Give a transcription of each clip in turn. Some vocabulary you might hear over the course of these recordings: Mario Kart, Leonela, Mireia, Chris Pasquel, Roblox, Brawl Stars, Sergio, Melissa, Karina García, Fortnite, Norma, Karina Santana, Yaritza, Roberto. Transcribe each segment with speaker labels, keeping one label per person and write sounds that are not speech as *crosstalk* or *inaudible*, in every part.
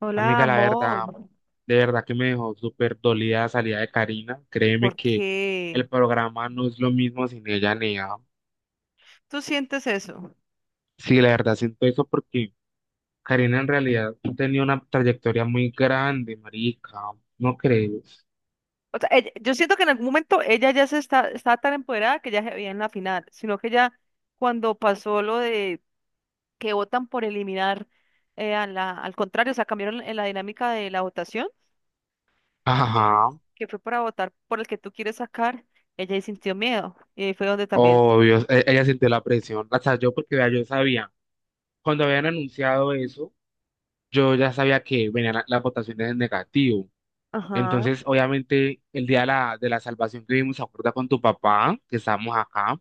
Speaker 1: Hola,
Speaker 2: Amiga, la
Speaker 1: amor.
Speaker 2: verdad, de verdad que me dejó súper dolida la salida de Karina. Créeme
Speaker 1: ¿Por
Speaker 2: que
Speaker 1: qué
Speaker 2: el programa no es lo mismo sin ella ni ella.
Speaker 1: tú sientes eso?
Speaker 2: Sí, la verdad siento eso porque Karina en realidad tenía una trayectoria muy grande, marica, ¿no crees?
Speaker 1: O sea, yo siento que en algún momento ella ya estaba tan empoderada que ya se veía en la final, sino que ya cuando pasó lo de que votan por eliminar al contrario, o sea, cambiaron en la dinámica de la votación, que
Speaker 2: Ajá,
Speaker 1: que fue para votar por el que tú quieres sacar, ella ahí sintió miedo. Y ahí fue donde también.
Speaker 2: obvio, ella sintió la presión. O sea, yo porque vea, yo sabía, cuando habían anunciado eso, yo ya sabía que venían las votaciones en negativo.
Speaker 1: Ajá.
Speaker 2: Entonces, obviamente, el día de la salvación que vimos, ¿se acuerda con tu papá? Que estábamos acá.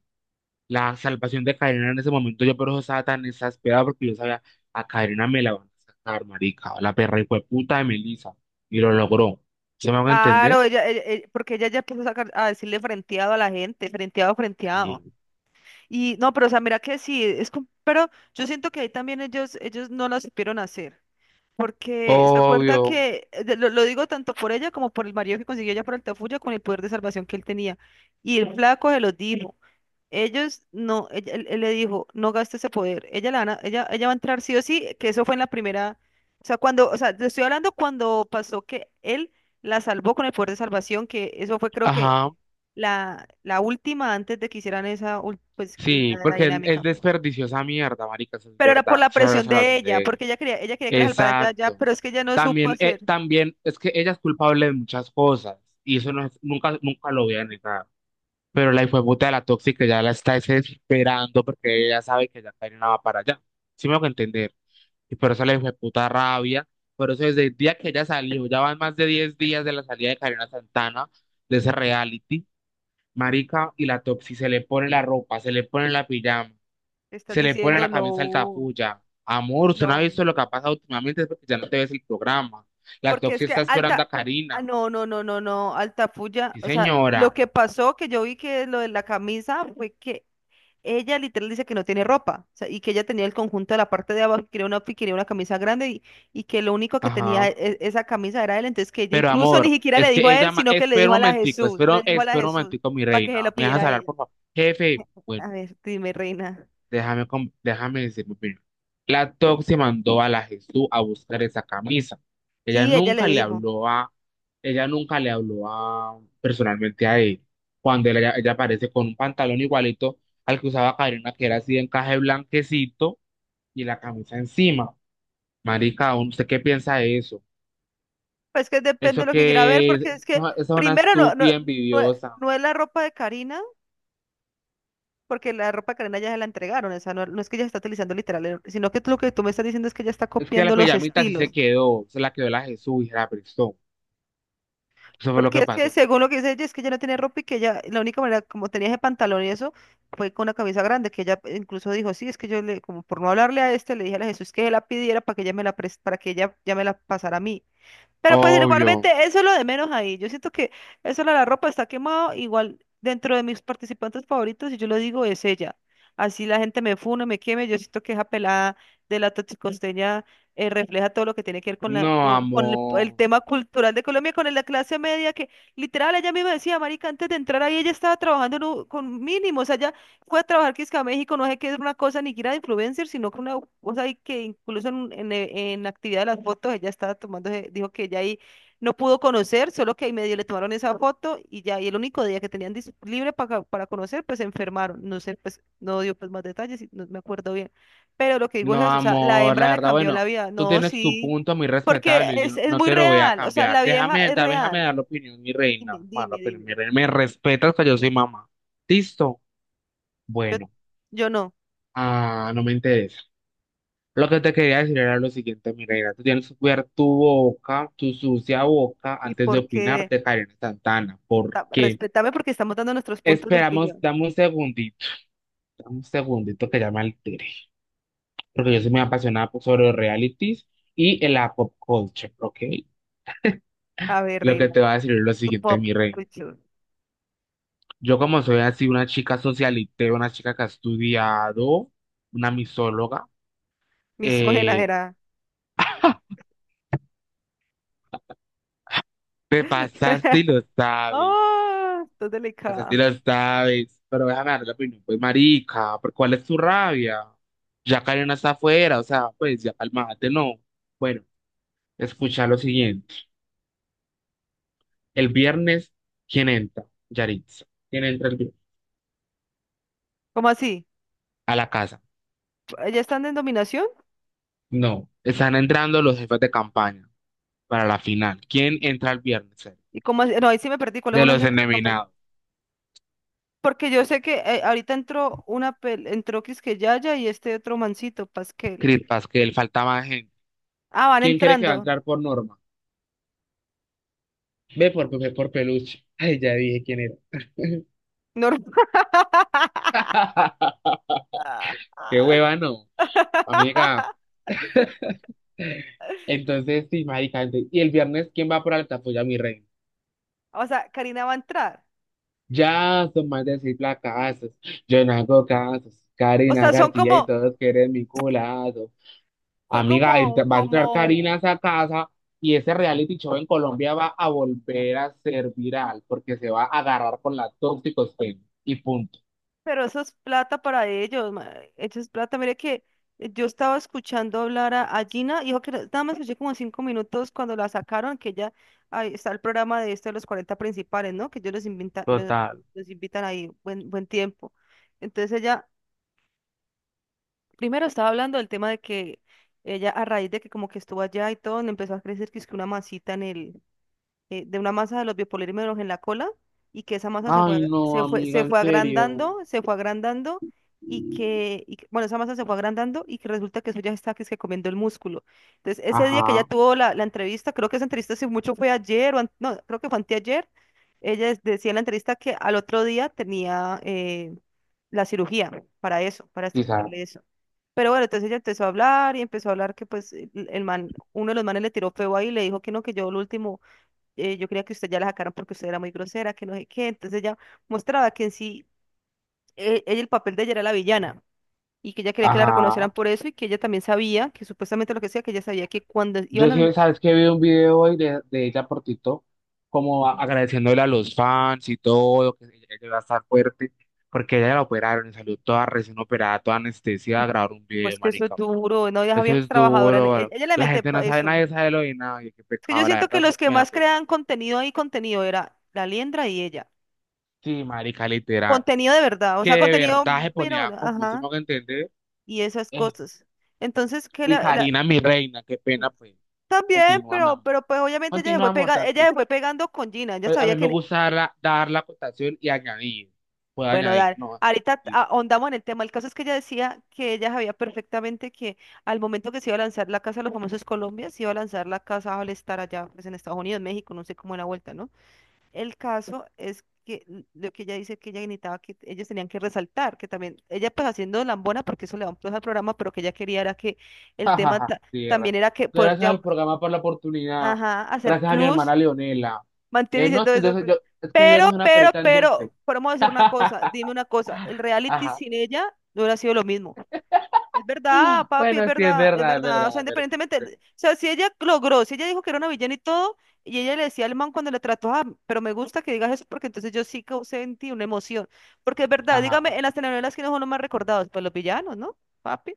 Speaker 2: La salvación de Karina en ese momento, yo por eso estaba tan exasperado porque yo sabía, a Karina me la van a sacar, marica, la perra y puta de Melissa, y lo logró. ¿Se me van a entender?
Speaker 1: Claro, porque ella ya empezó a, sacar, a decirle frenteado a la gente, frenteado, frenteado.
Speaker 2: Sí.
Speaker 1: Y no, pero o sea, mira que sí, pero yo siento que ahí también ellos no la supieron hacer. Porque se acuerda
Speaker 2: Obvio,
Speaker 1: que, lo digo tanto por ella como por el marido que consiguió ella por Altafulla con el poder de salvación que él tenía. Y el flaco se los dijo. Ellos no, él le dijo, no gaste ese poder. Ella, la van a- ella va a entrar sí o sí, que eso fue en la primera. O sea, te estoy hablando cuando pasó que él la salvó con el poder de salvación, que eso fue creo que
Speaker 2: ajá,
Speaker 1: la última antes de que hicieran pues, que
Speaker 2: sí,
Speaker 1: la
Speaker 2: porque él
Speaker 1: dinámica.
Speaker 2: desperdició esa mierda, marica, eso es
Speaker 1: Pero era por
Speaker 2: verdad,
Speaker 1: la
Speaker 2: esa era la
Speaker 1: presión de
Speaker 2: salvación
Speaker 1: ella,
Speaker 2: de ella.
Speaker 1: porque ella quería que la salvaran ya, ya,
Speaker 2: Exacto.
Speaker 1: pero es que ella no supo
Speaker 2: También,
Speaker 1: hacer.
Speaker 2: eh, también es que ella es culpable de muchas cosas, y eso no es- nunca, nunca lo voy a negar. Pero la hijueputa de la tóxica ya la está desesperando porque ella sabe que ya Karina va para allá. Sí me hago entender. Y por eso la hijueputa rabia. Por eso desde el día que ella salió, ya van más de 10 días de la salida de Karina Santana, de ese reality, marica, y la toxi se le pone la ropa, se le pone la pijama,
Speaker 1: Estás
Speaker 2: se le pone
Speaker 1: diciendo,
Speaker 2: la camisa
Speaker 1: no,
Speaker 2: altafulla. Amor, usted no ha
Speaker 1: no.
Speaker 2: visto lo que ha pasado últimamente, es porque ya no te ves el programa. La
Speaker 1: Porque es
Speaker 2: toxi
Speaker 1: que
Speaker 2: está esperando a
Speaker 1: Ah,
Speaker 2: Karina.
Speaker 1: no, no, no, no, no, Alta Fuya,
Speaker 2: Sí,
Speaker 1: o sea, lo
Speaker 2: señora.
Speaker 1: que pasó que yo vi que lo de la camisa fue que ella literal dice que no tiene ropa, o sea, y que ella tenía el conjunto de la parte de abajo, que quería una camisa grande y que lo único que tenía
Speaker 2: Ajá.
Speaker 1: esa camisa era él, entonces que ella
Speaker 2: Pero
Speaker 1: incluso ni
Speaker 2: amor,
Speaker 1: siquiera
Speaker 2: es
Speaker 1: le dijo
Speaker 2: que
Speaker 1: a él,
Speaker 2: ella,
Speaker 1: sino que le
Speaker 2: espera
Speaker 1: dijo
Speaker 2: un
Speaker 1: a la
Speaker 2: momentico,
Speaker 1: Jesús,
Speaker 2: espera,
Speaker 1: le dijo a la
Speaker 2: espera un
Speaker 1: Jesús
Speaker 2: momentico, mi
Speaker 1: para que
Speaker 2: reina.
Speaker 1: se lo
Speaker 2: ¿Me
Speaker 1: pidiera
Speaker 2: dejas
Speaker 1: a
Speaker 2: hablar,
Speaker 1: ella.
Speaker 2: por favor? Jefe,
Speaker 1: *laughs*
Speaker 2: bueno,
Speaker 1: A ver, dime, reina.
Speaker 2: déjame decir mi opinión. La Toxi mandó a la Jesús a buscar esa camisa. Ella
Speaker 1: Sí, ella le
Speaker 2: nunca le
Speaker 1: dijo.
Speaker 2: habló a, Ella nunca le habló a, personalmente a él. Ella aparece con un pantalón igualito al que usaba Karina, que era así de encaje blanquecito y la camisa encima. Marica, ¿usted qué piensa de eso?
Speaker 1: Pues que depende de
Speaker 2: Eso
Speaker 1: lo que quiera ver,
Speaker 2: que es,
Speaker 1: porque es que
Speaker 2: esa esa es una
Speaker 1: primero no, no,
Speaker 2: estúpida
Speaker 1: no,
Speaker 2: envidiosa.
Speaker 1: no es la ropa de Karina. Porque la ropa Karena ya se la entregaron, o sea, no, no es que ella está utilizando literal, sino que lo que tú me estás diciendo es que ella está
Speaker 2: Es que la
Speaker 1: copiando los
Speaker 2: pijamita sí se
Speaker 1: estilos.
Speaker 2: quedó, se la quedó la Jesús y se la prestó. Eso fue lo
Speaker 1: Porque
Speaker 2: que
Speaker 1: es que
Speaker 2: pasó.
Speaker 1: según lo que dice ella, es que ella no tiene ropa y que ella, la única manera, como tenía ese pantalón y eso, fue con una camisa grande, que ella incluso dijo, sí, es que yo le, como por no hablarle a este, le dije a la Jesús que la pidiera para que ella ya me la pasara a mí. Pero pues igualmente,
Speaker 2: Obvio.
Speaker 1: eso es lo de menos ahí. Yo siento que eso de la ropa está quemado. Igual dentro de mis participantes favoritos, y yo lo digo, es ella. Así la gente me fune, me queme. Yo siento que esa pelada de la toxicosteña refleja todo lo que tiene que ver con, la,
Speaker 2: No,
Speaker 1: con, con el, el
Speaker 2: amor.
Speaker 1: tema cultural de Colombia, con la clase media, que literal ella misma decía, marica, antes de entrar ahí ella estaba trabajando en con mínimos. Allá fue a trabajar que es que a México, no sé qué es una cosa ni que era de influencer, sino que una cosa ahí que incluso en la actividad de las fotos ella estaba tomando, dijo que ella ahí no pudo conocer, solo que ahí medio le tomaron esa foto y ya, y el único día que tenían libre para conocer, pues se enfermaron, no sé, pues no dio pues más detalles, y no me acuerdo bien, pero lo que digo es
Speaker 2: No,
Speaker 1: eso, o sea, la
Speaker 2: amor.
Speaker 1: hembra
Speaker 2: La
Speaker 1: le
Speaker 2: verdad,
Speaker 1: cambió la
Speaker 2: bueno,
Speaker 1: vida,
Speaker 2: tú
Speaker 1: no,
Speaker 2: tienes tu
Speaker 1: sí,
Speaker 2: punto muy
Speaker 1: porque
Speaker 2: respetable. Yo
Speaker 1: es,
Speaker 2: no
Speaker 1: es
Speaker 2: no
Speaker 1: muy
Speaker 2: te lo voy a
Speaker 1: real, o sea,
Speaker 2: cambiar.
Speaker 1: la vieja
Speaker 2: Déjame,
Speaker 1: es
Speaker 2: da- déjame
Speaker 1: real,
Speaker 2: dar la opinión, mi reina.
Speaker 1: dime,
Speaker 2: Bueno, la
Speaker 1: dime,
Speaker 2: opinión,
Speaker 1: dime,
Speaker 2: mi reina. Me respetas que yo soy mamá. ¿Listo?
Speaker 1: yo,
Speaker 2: Bueno.
Speaker 1: yo no,
Speaker 2: Ah, no me interesa. Lo que te quería decir era lo siguiente, Mireia, tú tienes que cuidar tu boca, tu sucia boca,
Speaker 1: ¿y
Speaker 2: antes de
Speaker 1: por
Speaker 2: opinar
Speaker 1: qué?
Speaker 2: de Karen Santana, porque
Speaker 1: Respétame porque estamos dando nuestros puntos de
Speaker 2: esperamos,
Speaker 1: opinión.
Speaker 2: dame un segundito que ya me altere, porque yo soy muy apasionada sobre los realities y el la pop culture, ¿ok?
Speaker 1: A ver,
Speaker 2: Lo que
Speaker 1: reina,
Speaker 2: te voy a decir es lo
Speaker 1: tu
Speaker 2: siguiente,
Speaker 1: pop
Speaker 2: mi rey.
Speaker 1: culture
Speaker 2: Yo como soy así una chica socialite, una chica que ha estudiado, una misóloga,
Speaker 1: misógena
Speaker 2: eh,
Speaker 1: era.
Speaker 2: te pasaste y lo
Speaker 1: *laughs*
Speaker 2: sabes.
Speaker 1: ¡Oh! Estás
Speaker 2: Esa sí
Speaker 1: delicada.
Speaker 2: la sabes, pero déjame darle la opinión. Pues, marica, ¿por cuál es tu rabia? Ya Karen está afuera, o sea, pues ya calmate, no. Bueno, escucha lo siguiente. El viernes, ¿quién entra? Yaritza. ¿Quién entra el viernes?
Speaker 1: ¿Cómo así?
Speaker 2: A la casa.
Speaker 1: ¿Ya están en dominación?
Speaker 2: No, están entrando los jefes de campaña para la final. ¿Quién entra el viernes? ¿Sergio?
Speaker 1: ¿Y cómo así? No, ahí sí me perdí. ¿Cuáles
Speaker 2: De
Speaker 1: unos
Speaker 2: los
Speaker 1: este de campaña?
Speaker 2: endeminados.
Speaker 1: Porque yo sé que ahorita entró una pel entró que Yaya y este otro mancito, Pasquel.
Speaker 2: Chris Pasquel, falta más gente.
Speaker 1: Ah, van
Speaker 2: ¿Quién cree que va a
Speaker 1: entrando.
Speaker 2: entrar por Norma? Ve por peluche. Ay, ya dije quién era.
Speaker 1: Normal. *laughs*
Speaker 2: *laughs* Qué hueva, no. Amiga. Entonces, sí, marica, y el viernes, ¿quién va por alta? Pues ya mi rey.
Speaker 1: O sea, Karina va a entrar.
Speaker 2: Ya son más de seis placazos, yo no hago casos,
Speaker 1: O
Speaker 2: Karina
Speaker 1: sea,
Speaker 2: García y todos quieren mi culazo.
Speaker 1: son
Speaker 2: Amiga,
Speaker 1: como,
Speaker 2: va a
Speaker 1: como
Speaker 2: entrar Karina a esa casa y ese reality show en Colombia va a volver a ser viral porque se va a agarrar con la tóxicos y punto.
Speaker 1: pero eso es plata para ellos, eso es plata. Mire que yo estaba escuchando hablar a Gina, y dijo que no- nada más escuché como 5 minutos cuando la sacaron, que ella, ahí está el programa de esto de los 40 Principales, ¿no? Que ellos los invitan, los,
Speaker 2: Total.
Speaker 1: los invitan ahí buen, buen tiempo. Entonces ella, primero estaba hablando del tema de que ella a raíz de que como que estuvo allá y todo, le empezó a crecer que es que una masita de una masa de los biopolímeros en la cola y que esa masa se fue,
Speaker 2: Ay,
Speaker 1: ag-
Speaker 2: no,
Speaker 1: se fue,
Speaker 2: amiga,
Speaker 1: se
Speaker 2: en
Speaker 1: fue
Speaker 2: serio.
Speaker 1: agrandando, se fue agrandando y bueno, esa masa se fue agrandando y que resulta que eso ya está que es que comiendo el músculo. Entonces, ese día que ella
Speaker 2: Ajá,
Speaker 1: tuvo la entrevista, creo que esa entrevista si mucho fue ayer, no, creo que fue anteayer, ella decía en la entrevista que al otro día tenía la cirugía para eso, para
Speaker 2: quizás.
Speaker 1: extirparle eso. Pero bueno, entonces ella empezó a hablar y empezó a hablar que pues el man, uno de los manes le tiró feo ahí y le dijo que no, que yo lo último yo creía que usted ya la sacaron porque usted era muy grosera, que no sé qué. Entonces ella mostraba que en sí, el papel de ella era la villana y que ella quería que la
Speaker 2: Ajá.
Speaker 1: reconocieran por eso y que ella también sabía, que supuestamente lo que sea, que ella sabía que cuando
Speaker 2: Yo
Speaker 1: iban a,
Speaker 2: sí, sabes que vi un video hoy de ella por TikTok, como agradeciéndole a los fans y todo, que ella iba a estar fuerte, porque ella la operaron y salió toda recién operada, toda anestesia a grabar un video,
Speaker 1: pues que eso es
Speaker 2: marica.
Speaker 1: duro, no, ella
Speaker 2: Eso
Speaker 1: había
Speaker 2: es
Speaker 1: trabajadora,
Speaker 2: duro, bro.
Speaker 1: ella, le
Speaker 2: La
Speaker 1: mete
Speaker 2: gente no sabe,
Speaker 1: eso.
Speaker 2: nadie sabe lo de nadie, qué
Speaker 1: Es que yo
Speaker 2: pecado, la
Speaker 1: siento que
Speaker 2: verdad
Speaker 1: los
Speaker 2: eso
Speaker 1: que
Speaker 2: me da
Speaker 1: más
Speaker 2: pesar.
Speaker 1: crean contenido y contenido era la Liendra y ella.
Speaker 2: Sí, marica, literal.
Speaker 1: Contenido de verdad, o
Speaker 2: Que
Speaker 1: sea,
Speaker 2: de
Speaker 1: contenido,
Speaker 2: verdad se
Speaker 1: bueno,
Speaker 2: ponía
Speaker 1: bueno,
Speaker 2: como se
Speaker 1: ajá,
Speaker 2: me hago entender.
Speaker 1: y esas
Speaker 2: eh,
Speaker 1: cosas. Entonces,
Speaker 2: y Karina, mi reina, qué pena, pues.
Speaker 1: también,
Speaker 2: Continúa, mi
Speaker 1: pero,
Speaker 2: amor.
Speaker 1: pero pues obviamente ella
Speaker 2: Continúa, amor,
Speaker 1: ella
Speaker 2: tranquilo.
Speaker 1: se fue pegando con Gina, ella
Speaker 2: Pues a
Speaker 1: sabía
Speaker 2: mí me
Speaker 1: que,
Speaker 2: gusta dar la cotación y añadir. Puedo
Speaker 1: bueno,
Speaker 2: añadir, ¿no?
Speaker 1: ahorita
Speaker 2: Listo. *laughs*
Speaker 1: ahondamos en el tema, el caso es que ella decía que ella sabía perfectamente que al momento que se iba a lanzar la Casa de los Famosos Colombia, se iba a lanzar la Casa al estar allá, pues en Estados Unidos, México, no sé cómo era la vuelta, ¿no? El caso es que lo que ella dice que ella necesitaba que ellos tenían que resaltar, que también, ella pues haciendo lambona, porque eso le da un plus al programa, pero que ella quería era que
Speaker 2: Ja,
Speaker 1: el
Speaker 2: ja,
Speaker 1: tema
Speaker 2: ja, tierra.
Speaker 1: también era que poder
Speaker 2: Gracias al programa por la oportunidad.
Speaker 1: ajá, hacer
Speaker 2: Gracias a mi
Speaker 1: plus
Speaker 2: hermana Leonela. Eh,
Speaker 1: mantiene
Speaker 2: no, es
Speaker 1: todo
Speaker 2: que yo,
Speaker 1: eso,
Speaker 2: soy- yo- es que yo no soy una perita en
Speaker 1: pero,
Speaker 2: dulce.
Speaker 1: pero decir una cosa, dime
Speaker 2: *laughs*
Speaker 1: una cosa, el reality
Speaker 2: Ajá.
Speaker 1: sin ella no hubiera sido lo mismo. Es verdad, papi,
Speaker 2: Bueno,
Speaker 1: es
Speaker 2: sí, es
Speaker 1: verdad, es
Speaker 2: verdad, es
Speaker 1: verdad. O
Speaker 2: verdad,
Speaker 1: sea,
Speaker 2: es verdad.
Speaker 1: independientemente,
Speaker 2: Es verdad.
Speaker 1: o sea, si ella logró, si ella dijo que era una villana y todo, y ella le decía al man cuando le trató, ah, pero me gusta que digas eso porque entonces yo sí causé en ti una emoción. Porque es verdad, dígame,
Speaker 2: Ajá,
Speaker 1: en las telenovelas, ¿quiénes son los más recordados? Pues los villanos, ¿no? Papi,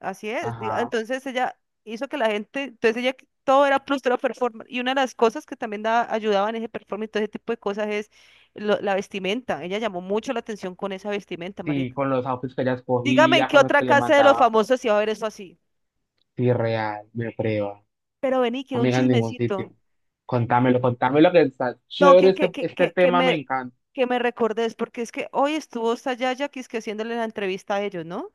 Speaker 1: así es.
Speaker 2: ajá.
Speaker 1: Entonces ella hizo que la gente, entonces ella, todo era plus, todo era performance. Y una de las cosas que también ayudaba en ese performance, y todo ese tipo de cosas es la vestimenta. Ella llamó mucho la atención con esa vestimenta,
Speaker 2: Sí,
Speaker 1: marica.
Speaker 2: con los outfits que ella
Speaker 1: Dígame en
Speaker 2: escogía,
Speaker 1: qué
Speaker 2: con los
Speaker 1: otra
Speaker 2: que le
Speaker 1: casa de los
Speaker 2: mandaba.
Speaker 1: famosos iba a ver eso así.
Speaker 2: Sí, real, me prueba.
Speaker 1: Pero vení, quiero un
Speaker 2: Amiga, en ningún sitio.
Speaker 1: chismecito.
Speaker 2: Contámelo que está
Speaker 1: No,
Speaker 2: chévere
Speaker 1: que,
Speaker 2: este,
Speaker 1: que, que,
Speaker 2: este
Speaker 1: que, que
Speaker 2: tema, me
Speaker 1: me,
Speaker 2: encanta.
Speaker 1: que me recordes, porque es que hoy estuvo esta Yaya que es que haciéndole la entrevista a ellos, ¿no?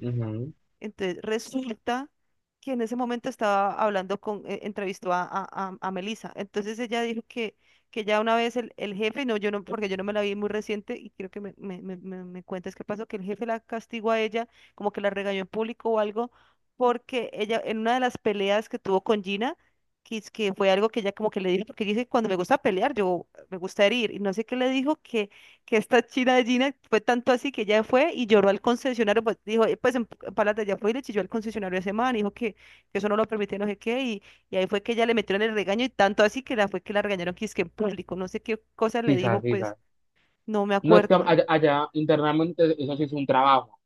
Speaker 2: Ujú.
Speaker 1: Entonces resulta que en ese momento estaba hablando entrevistó a Melissa. Entonces ella dijo que ya una vez el jefe, no, yo no, porque yo no me la vi muy reciente y quiero que me cuentes qué pasó, que el jefe la castigó a ella, como que la regañó en público o algo, porque ella en una de las peleas que tuvo con Gina, es que fue algo que ella como que le dijo, porque dice, cuando me gusta pelear, yo me gusta herir, y no sé qué le dijo que esta china de Gina fue tanto así que ella fue y lloró al concesionario, pues dijo, pues en palata ya fue y le chilló al concesionario a ese man, dijo que eso no lo permitía, no sé qué, y ahí fue que ella le metieron el regaño y tanto así que la fue que la regañaron que es que en público, no sé qué cosa le dijo,
Speaker 2: Quizás,
Speaker 1: pues
Speaker 2: quizás.
Speaker 1: no me
Speaker 2: No es que
Speaker 1: acuerdo.
Speaker 2: allá internamente eso sí es un trabajo.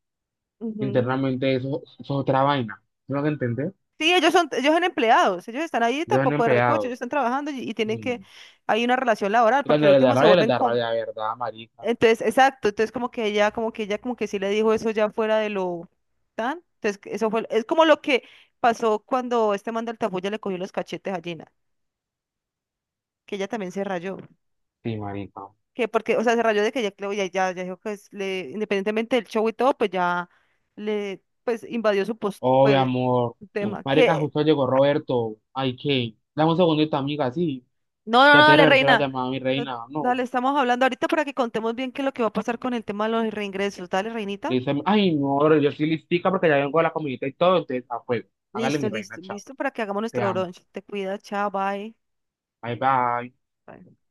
Speaker 1: Ujú.
Speaker 2: Internamente eso es otra vaina. ¿No lo que entendés?
Speaker 1: Sí, ellos son empleados, ellos están ahí
Speaker 2: Yo soy un
Speaker 1: tampoco de recoche, ellos
Speaker 2: empleado.
Speaker 1: están trabajando y tienen que,
Speaker 2: Mm.
Speaker 1: hay una relación laboral, porque
Speaker 2: Cuando
Speaker 1: al último se
Speaker 2: les
Speaker 1: vuelven,
Speaker 2: da rabia, ¿verdad, marica?
Speaker 1: entonces, exacto, entonces como que ella como que sí le dijo eso ya fuera de lo tan. Entonces, que eso fue, es como lo que pasó cuando este man del tapuya le cogió los cachetes a Gina, que ella también se rayó.
Speaker 2: Sí, marica.
Speaker 1: Que porque, o sea, se rayó de que ya dijo independientemente del show y todo, pues pues invadió su post,
Speaker 2: Oh, mi
Speaker 1: pues,
Speaker 2: amor.
Speaker 1: su tema.
Speaker 2: Marica, justo llegó Roberto. Ay, ¿qué? Dame un segundito, amiga, sí.
Speaker 1: No, no,
Speaker 2: Ya
Speaker 1: no,
Speaker 2: te
Speaker 1: dale,
Speaker 2: regresé la
Speaker 1: reina.
Speaker 2: llamada, mi
Speaker 1: No,
Speaker 2: reina. No.
Speaker 1: dale, estamos hablando ahorita para que contemos bien qué es lo que va a pasar con el tema de los reingresos. Dale,
Speaker 2: Le
Speaker 1: reinita.
Speaker 2: dice, ay, no, ahora yo soy listica porque ya vengo de la comidita y todo, entonces, a fuego. Hágale
Speaker 1: Listo,
Speaker 2: mi reina,
Speaker 1: listo,
Speaker 2: chao.
Speaker 1: listo para que hagamos
Speaker 2: Te
Speaker 1: nuestro
Speaker 2: amo.
Speaker 1: brunch. Te cuida, chao, bye.
Speaker 2: Bye, bye.
Speaker 1: Bye.